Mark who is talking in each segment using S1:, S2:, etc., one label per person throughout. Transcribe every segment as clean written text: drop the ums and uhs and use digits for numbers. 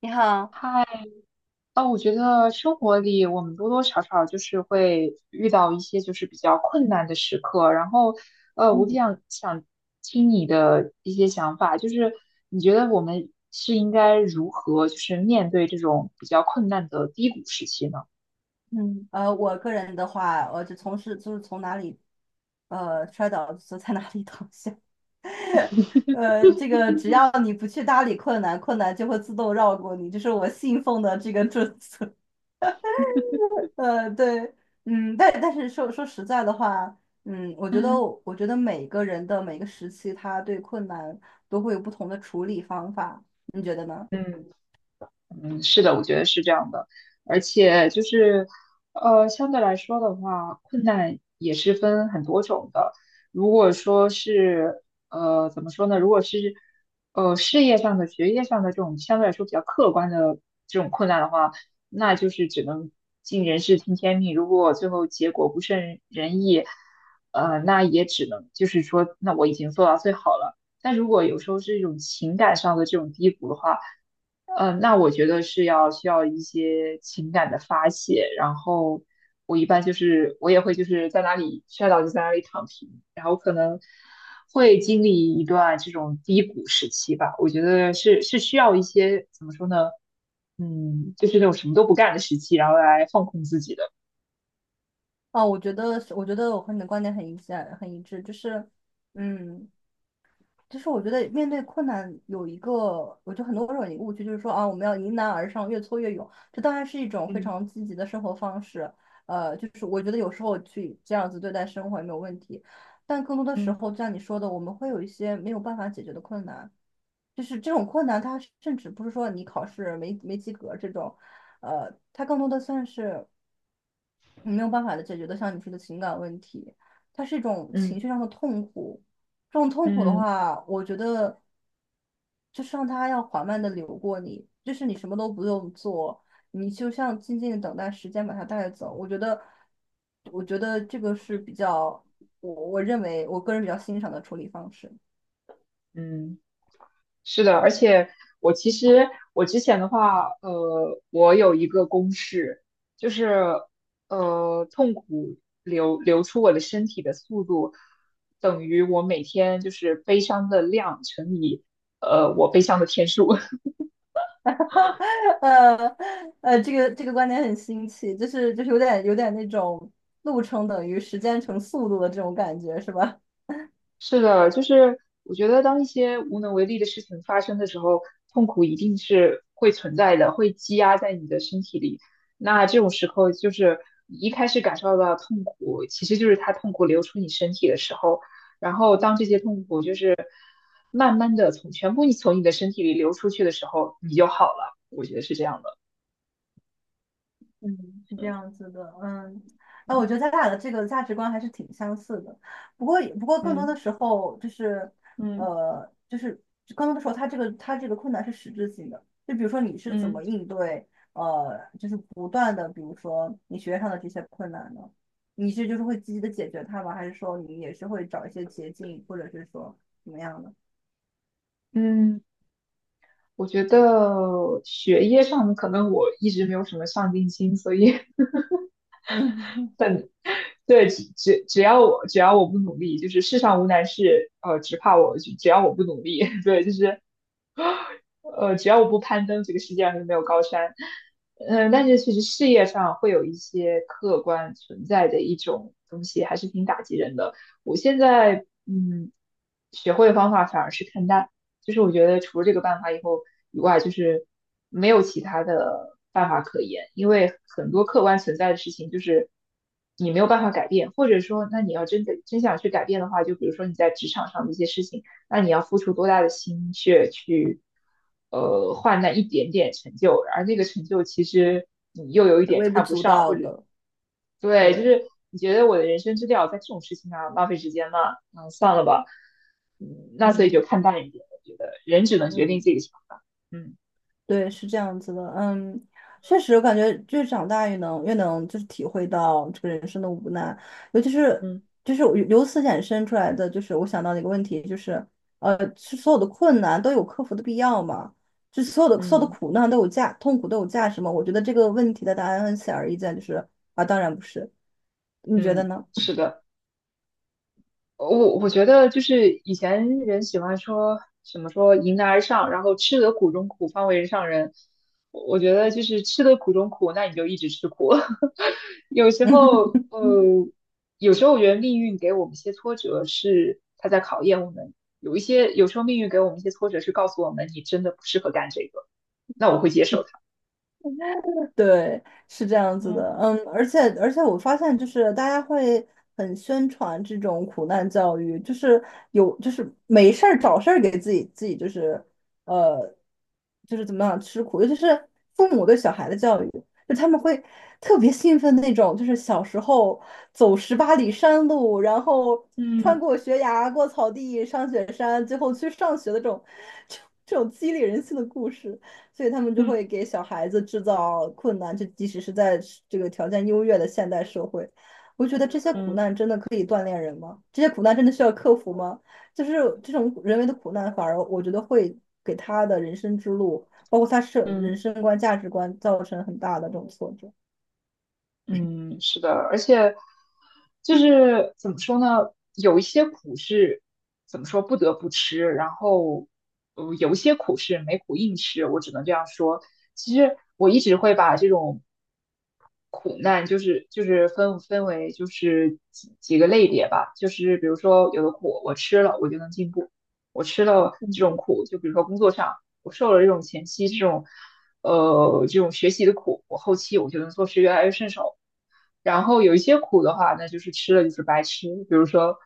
S1: 你好。
S2: 嗨，哦，我觉得生活里我们多多少少就是会遇到一些就是比较困难的时刻，然后，我比
S1: 嗯
S2: 较想听你的一些想法，就是你觉得我们是应该如何就是面对这种比较困难的低谷时期呢？
S1: 嗯，我个人的话，我就从事就是从哪里，摔倒就在哪里躺下。这个只要你不去搭理困难，困难就会自动绕过你，就是我信奉的这个准则。呃，对。嗯，但是说实在的话，嗯，
S2: 嗯
S1: 我觉得每个人的每个时期，他对困难都会有不同的处理方法，你觉得呢？
S2: 嗯。嗯，是的，我觉得是这样的，而且就是，相对来说的话，困难也是分很多种的。如果说是，怎么说呢？如果是，事业上的、学业上的这种相对来说比较客观的这种困难的话，那就是只能尽人事听天命。如果最后结果不甚人意，那也只能就是说，那我已经做到最好了。但如果有时候是一种情感上的这种低谷的话，那我觉得是要需要一些情感的发泄，然后我一般就是我也会就是在哪里摔倒就在哪里躺平，然后可能会经历一段这种低谷时期吧。我觉得是需要一些怎么说呢？嗯，就是那种什么都不干的时期，然后来放空自己的。
S1: 哦，我觉得是，我觉得我和你的观点很一致，很一致，就是，嗯。就是我觉得面对困难有一个，我觉得很多时候一个误区，就是说啊，我们要迎难而上，越挫越勇。这当然是一种非
S2: 嗯
S1: 常积极的生活方式。就是我觉得有时候去这样子对待生活也没有问题，但更多的时
S2: 嗯
S1: 候，就像你说的，我们会有一些没有办法解决的困难，就是这种困难，它甚至不是说你考试没及格这种，呃，它更多的算是你没有办法的解决的，像你说的情感问题，它是一种情
S2: 嗯
S1: 绪上的痛苦。这种痛苦的
S2: 嗯
S1: 话，我觉得。就是让它要缓慢的流过你，就是你什么都不用做，你就像静静的等待时间把它带走。我觉得，我觉得这个是比较，我认为我个人比较欣赏的处理方式。
S2: 嗯，是的，而且我其实我之前的话，我有一个公式，就是痛苦流出我的身体的速度等于我每天就是悲伤的量乘以我悲伤的天数。
S1: 呃这个观点很新奇，就是有点那种路程等于时间乘速度的这种感觉，是吧？
S2: 是的，就是我觉得当一些无能为力的事情发生的时候，痛苦一定是会存在的，会积压在你的身体里。那这种时候，就是你一开始感受到痛苦，其实就是它痛苦流出你身体的时候，然后当这些痛苦就是慢慢的从全部你从你的身体里流出去的时候，你就好了。我觉得是这样的。
S1: 嗯，是这样
S2: 嗯
S1: 子的，嗯，那我觉得咱俩的这个价值观还是挺相似的，不过更多
S2: 嗯
S1: 的时候就是，
S2: 嗯
S1: 就是更多的时候，他这个困难是实质性的，就比如说你是怎
S2: 嗯
S1: 么应对，呃，就是不断的，比如说你学业上的这些困难呢，你是就是会积极的解决它吗？还是说你也是会找一些捷径，或者是说怎么样的？
S2: 嗯嗯。我觉得学业上可能我一直没有什么上进心，所以
S1: 嗯，
S2: 对，只要我不努力，就是世上无难事，只要我不努力，对，就是只要我不攀登，这个世界上就没有高山。嗯，但是其实事业上会有一些客观存在的一种东西，还是挺打击人的。我现在嗯，学会的方法反而是看淡，就是我觉得除了这个办法以外，就是没有其他的办法可言，因为很多客观存在的事情就是你没有办法改变，或者说，那你要真想去改变的话，就比如说你在职场上的一些事情。那你要付出多大的心血去，换那一点点成就，而那个成就其实你又有一
S1: 是
S2: 点
S1: 微不
S2: 看不
S1: 足
S2: 上，
S1: 道
S2: 或者，
S1: 的，
S2: 对，就
S1: 对，
S2: 是你觉得我的人生之料在这种事情上浪费时间吗？嗯，算了吧，嗯，那所以就
S1: 嗯
S2: 看淡一点，我觉得人只能决定
S1: 嗯。
S2: 自己的想法，嗯
S1: 对，是这样子的，嗯，确实我感觉越长大越能就是体会到这个人生的无奈，尤其是
S2: 嗯
S1: 就是由此衍生出来的，就是我想到的一个问题，就是呃，是所有的困难都有克服的必要吗？就所有的
S2: 嗯
S1: 苦难都有价，痛苦都有价值吗？我觉得这个问题的答案很显而易见，就是啊，当然不是，你觉得
S2: 嗯，
S1: 呢？
S2: 是的。我觉得就是以前人喜欢说什么说迎难而上，然后吃得苦中苦，方为人上人。我觉得就是吃得苦中苦，那你就一直吃苦。有时 候，有时候我觉得命运给我们一些挫折，是他在考验我们。有一些，有时候命运给我们一些挫折，是告诉我们你真的不适合干这个。那我会接受它。
S1: 对，是这样子的，
S2: 嗯
S1: 嗯，而且我发现就是大家会很宣传这种苦难教育，就是有就是没事儿找事儿给自己就是呃就是怎么样吃苦，尤其是父母对小孩的教育，就他们会特别兴奋那种，就是小时候走十八里山路，然后穿
S2: 嗯
S1: 过悬崖、过草地、上雪山，最后去上学的这种 这种激励人心的故事。所以他们就会
S2: 嗯
S1: 给小孩子制造困难，就即使是在这个条件优越的现代社会，我觉得这些苦
S2: 嗯
S1: 难真的可以锻炼人吗？这些苦难真的需要克服吗？就是这种人为的苦难，反而我觉得会给他的人生之路，包括他是
S2: 嗯。
S1: 人生观、价值观，造成很大的这种挫折。
S2: 嗯，是的，而且就是怎么说呢，有一些苦是怎么说不得不吃，然后有一些苦是没苦硬吃，我只能这样说。其实我一直会把这种苦难，就是分为就是几个类别吧，就是比如说有的苦我吃了我就能进步，我吃了这
S1: 嗯
S2: 种苦，就比如说工作上我受了这种前期这种。这种学习的苦，我后期我就能做事越来越顺手。然后有一些苦的话，那就是吃了就是白吃。比如说，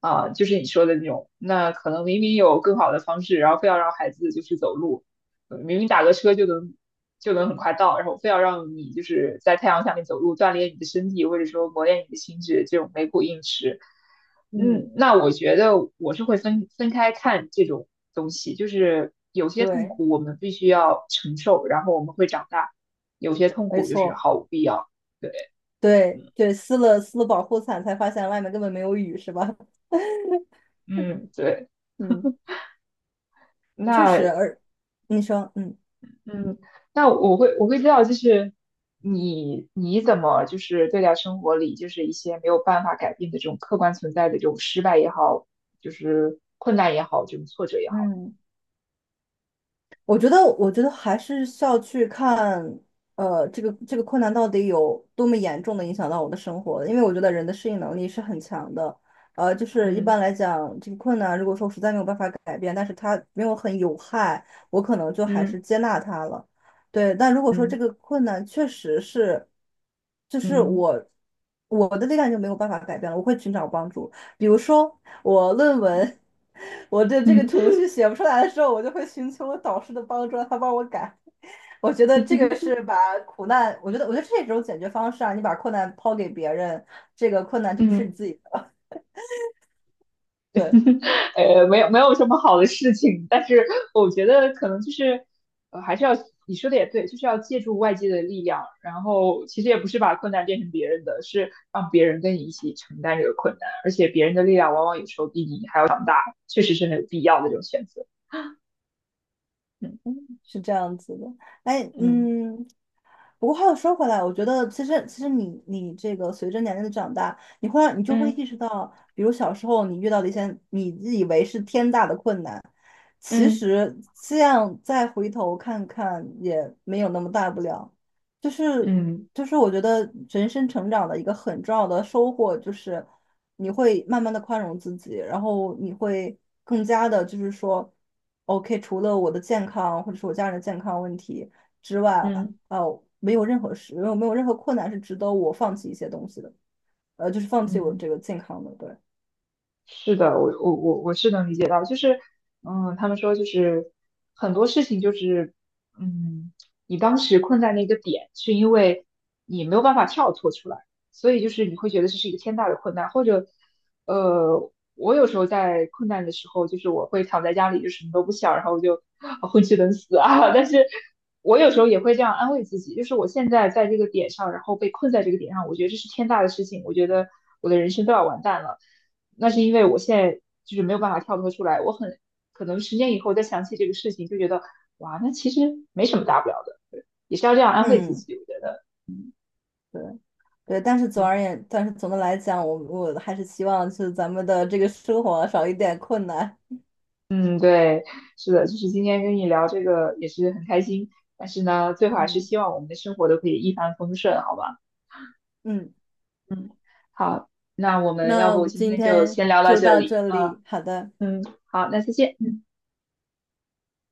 S2: 啊、就是你说的那种，那可能明明有更好的方式，然后非要让孩子就是走路，呃明明打个车就能很快到，然后非要让你就是在太阳下面走路，锻炼你的身体，或者说磨练你的心智，这种没苦硬吃。嗯，
S1: 嗯，
S2: 那我觉得我是会分开看这种东西，就是有些痛
S1: 对，
S2: 苦我们必须要承受，然后我们会长大；有些痛
S1: 没
S2: 苦就是
S1: 错，
S2: 毫无必要。对。
S1: 对
S2: 嗯。
S1: 对，撕了保护伞，才发现外面根本没有雨，是吧？
S2: 嗯，对，
S1: 嗯，确
S2: 那
S1: 实，而你说，嗯。
S2: 嗯，那我会知道，就是你怎么就是对待生活里就是一些没有办法改变的这种客观存在的这种失败也好，就是困难也好，这种挫折也好，
S1: 嗯。我觉得，我觉得还是需要去看，呃，这个困难到底有多么严重的影响到我的生活，因为我觉得人的适应能力是很强的，呃，就是一
S2: 嗯
S1: 般来讲，这个困难如果说实在没有办法改变，但是它没有很有害，我可能就还
S2: 嗯
S1: 是接纳它了，对。但如果说这
S2: 嗯
S1: 个困难确实是，就是
S2: 嗯。
S1: 我的力量就没有办法改变了，我会寻找帮助，比如说。我论文，我对这个
S2: 嗯。
S1: 程序写不出来的时候，我就会寻求我导师的帮助，让他帮我改。我觉得这个是把苦难，我觉得我觉得这种解决方式啊，你把困难抛给别人，这个困难就不是
S2: 嗯。
S1: 你自己的，对，
S2: 没有什么好的事情，但是我觉得可能就是，还是要你说的也对，就是要借助外界的力量，然后其实也不是把困难变成别人的，是让别人跟你一起承担这个困难，而且别人的力量往往有时候比你还要强大，确实是很有必要的这种选择。嗯
S1: 嗯，是这样子的。哎，
S2: 嗯
S1: 嗯，不过话又说回来，我觉得其实你这个随着年龄的长大，你会让你就会
S2: 嗯
S1: 意识到，比如小时候你遇到的一些你自以为是天大的困难，其
S2: 嗯
S1: 实这样再回头看看也没有那么大不了。就是
S2: 嗯
S1: 就是我觉得人生成长的一个很重要的收获就是你会慢慢的宽容自己，然后你会更加的就是说，OK,除了我的健康或者是我家人的健康问题。之外，
S2: 嗯嗯。嗯
S1: 呃，没有任何事，没有任何困难是值得我放弃一些东西的，呃，就是
S2: 嗯
S1: 放弃我
S2: 嗯
S1: 这个健康的，对，
S2: 是的，我是能理解到，就是，嗯，他们说就是很多事情就是，嗯，你当时困在那个点，是因为你没有办法跳脱出来，所以就是你会觉得这是一个天大的困难，或者，我有时候在困难的时候，就是我会躺在家里就什么都不想，然后我就啊混吃等 死啊，但是我有时候也会这样安慰自己，就是我现在在这个点上，然后被困在这个点上，我觉得这是天大的事情，我觉得我的人生都要完蛋了。那是因为我现在就是没有办法跳脱出来，我很可能10年以后再想起这个事情，就觉得哇，那其实没什么大不了的，对也是要这样安慰自
S1: 嗯，
S2: 己，我觉得，
S1: 对，对，但是总
S2: 嗯
S1: 而言，但是总的来讲，我还是希望就是咱们的这个生活少一点困难，
S2: 嗯，对，是的，就是今天跟你聊这个也是很开心，但是呢，最后还是
S1: 嗯
S2: 希望我们的生活都可以一帆风顺，好吧？
S1: 嗯，
S2: 嗯，好，那我们要
S1: 那我
S2: 不
S1: 们
S2: 今
S1: 今
S2: 天就
S1: 天
S2: 先聊到
S1: 就
S2: 这
S1: 到
S2: 里，
S1: 这
S2: 啊，
S1: 里，好的。
S2: 嗯，好，那再见。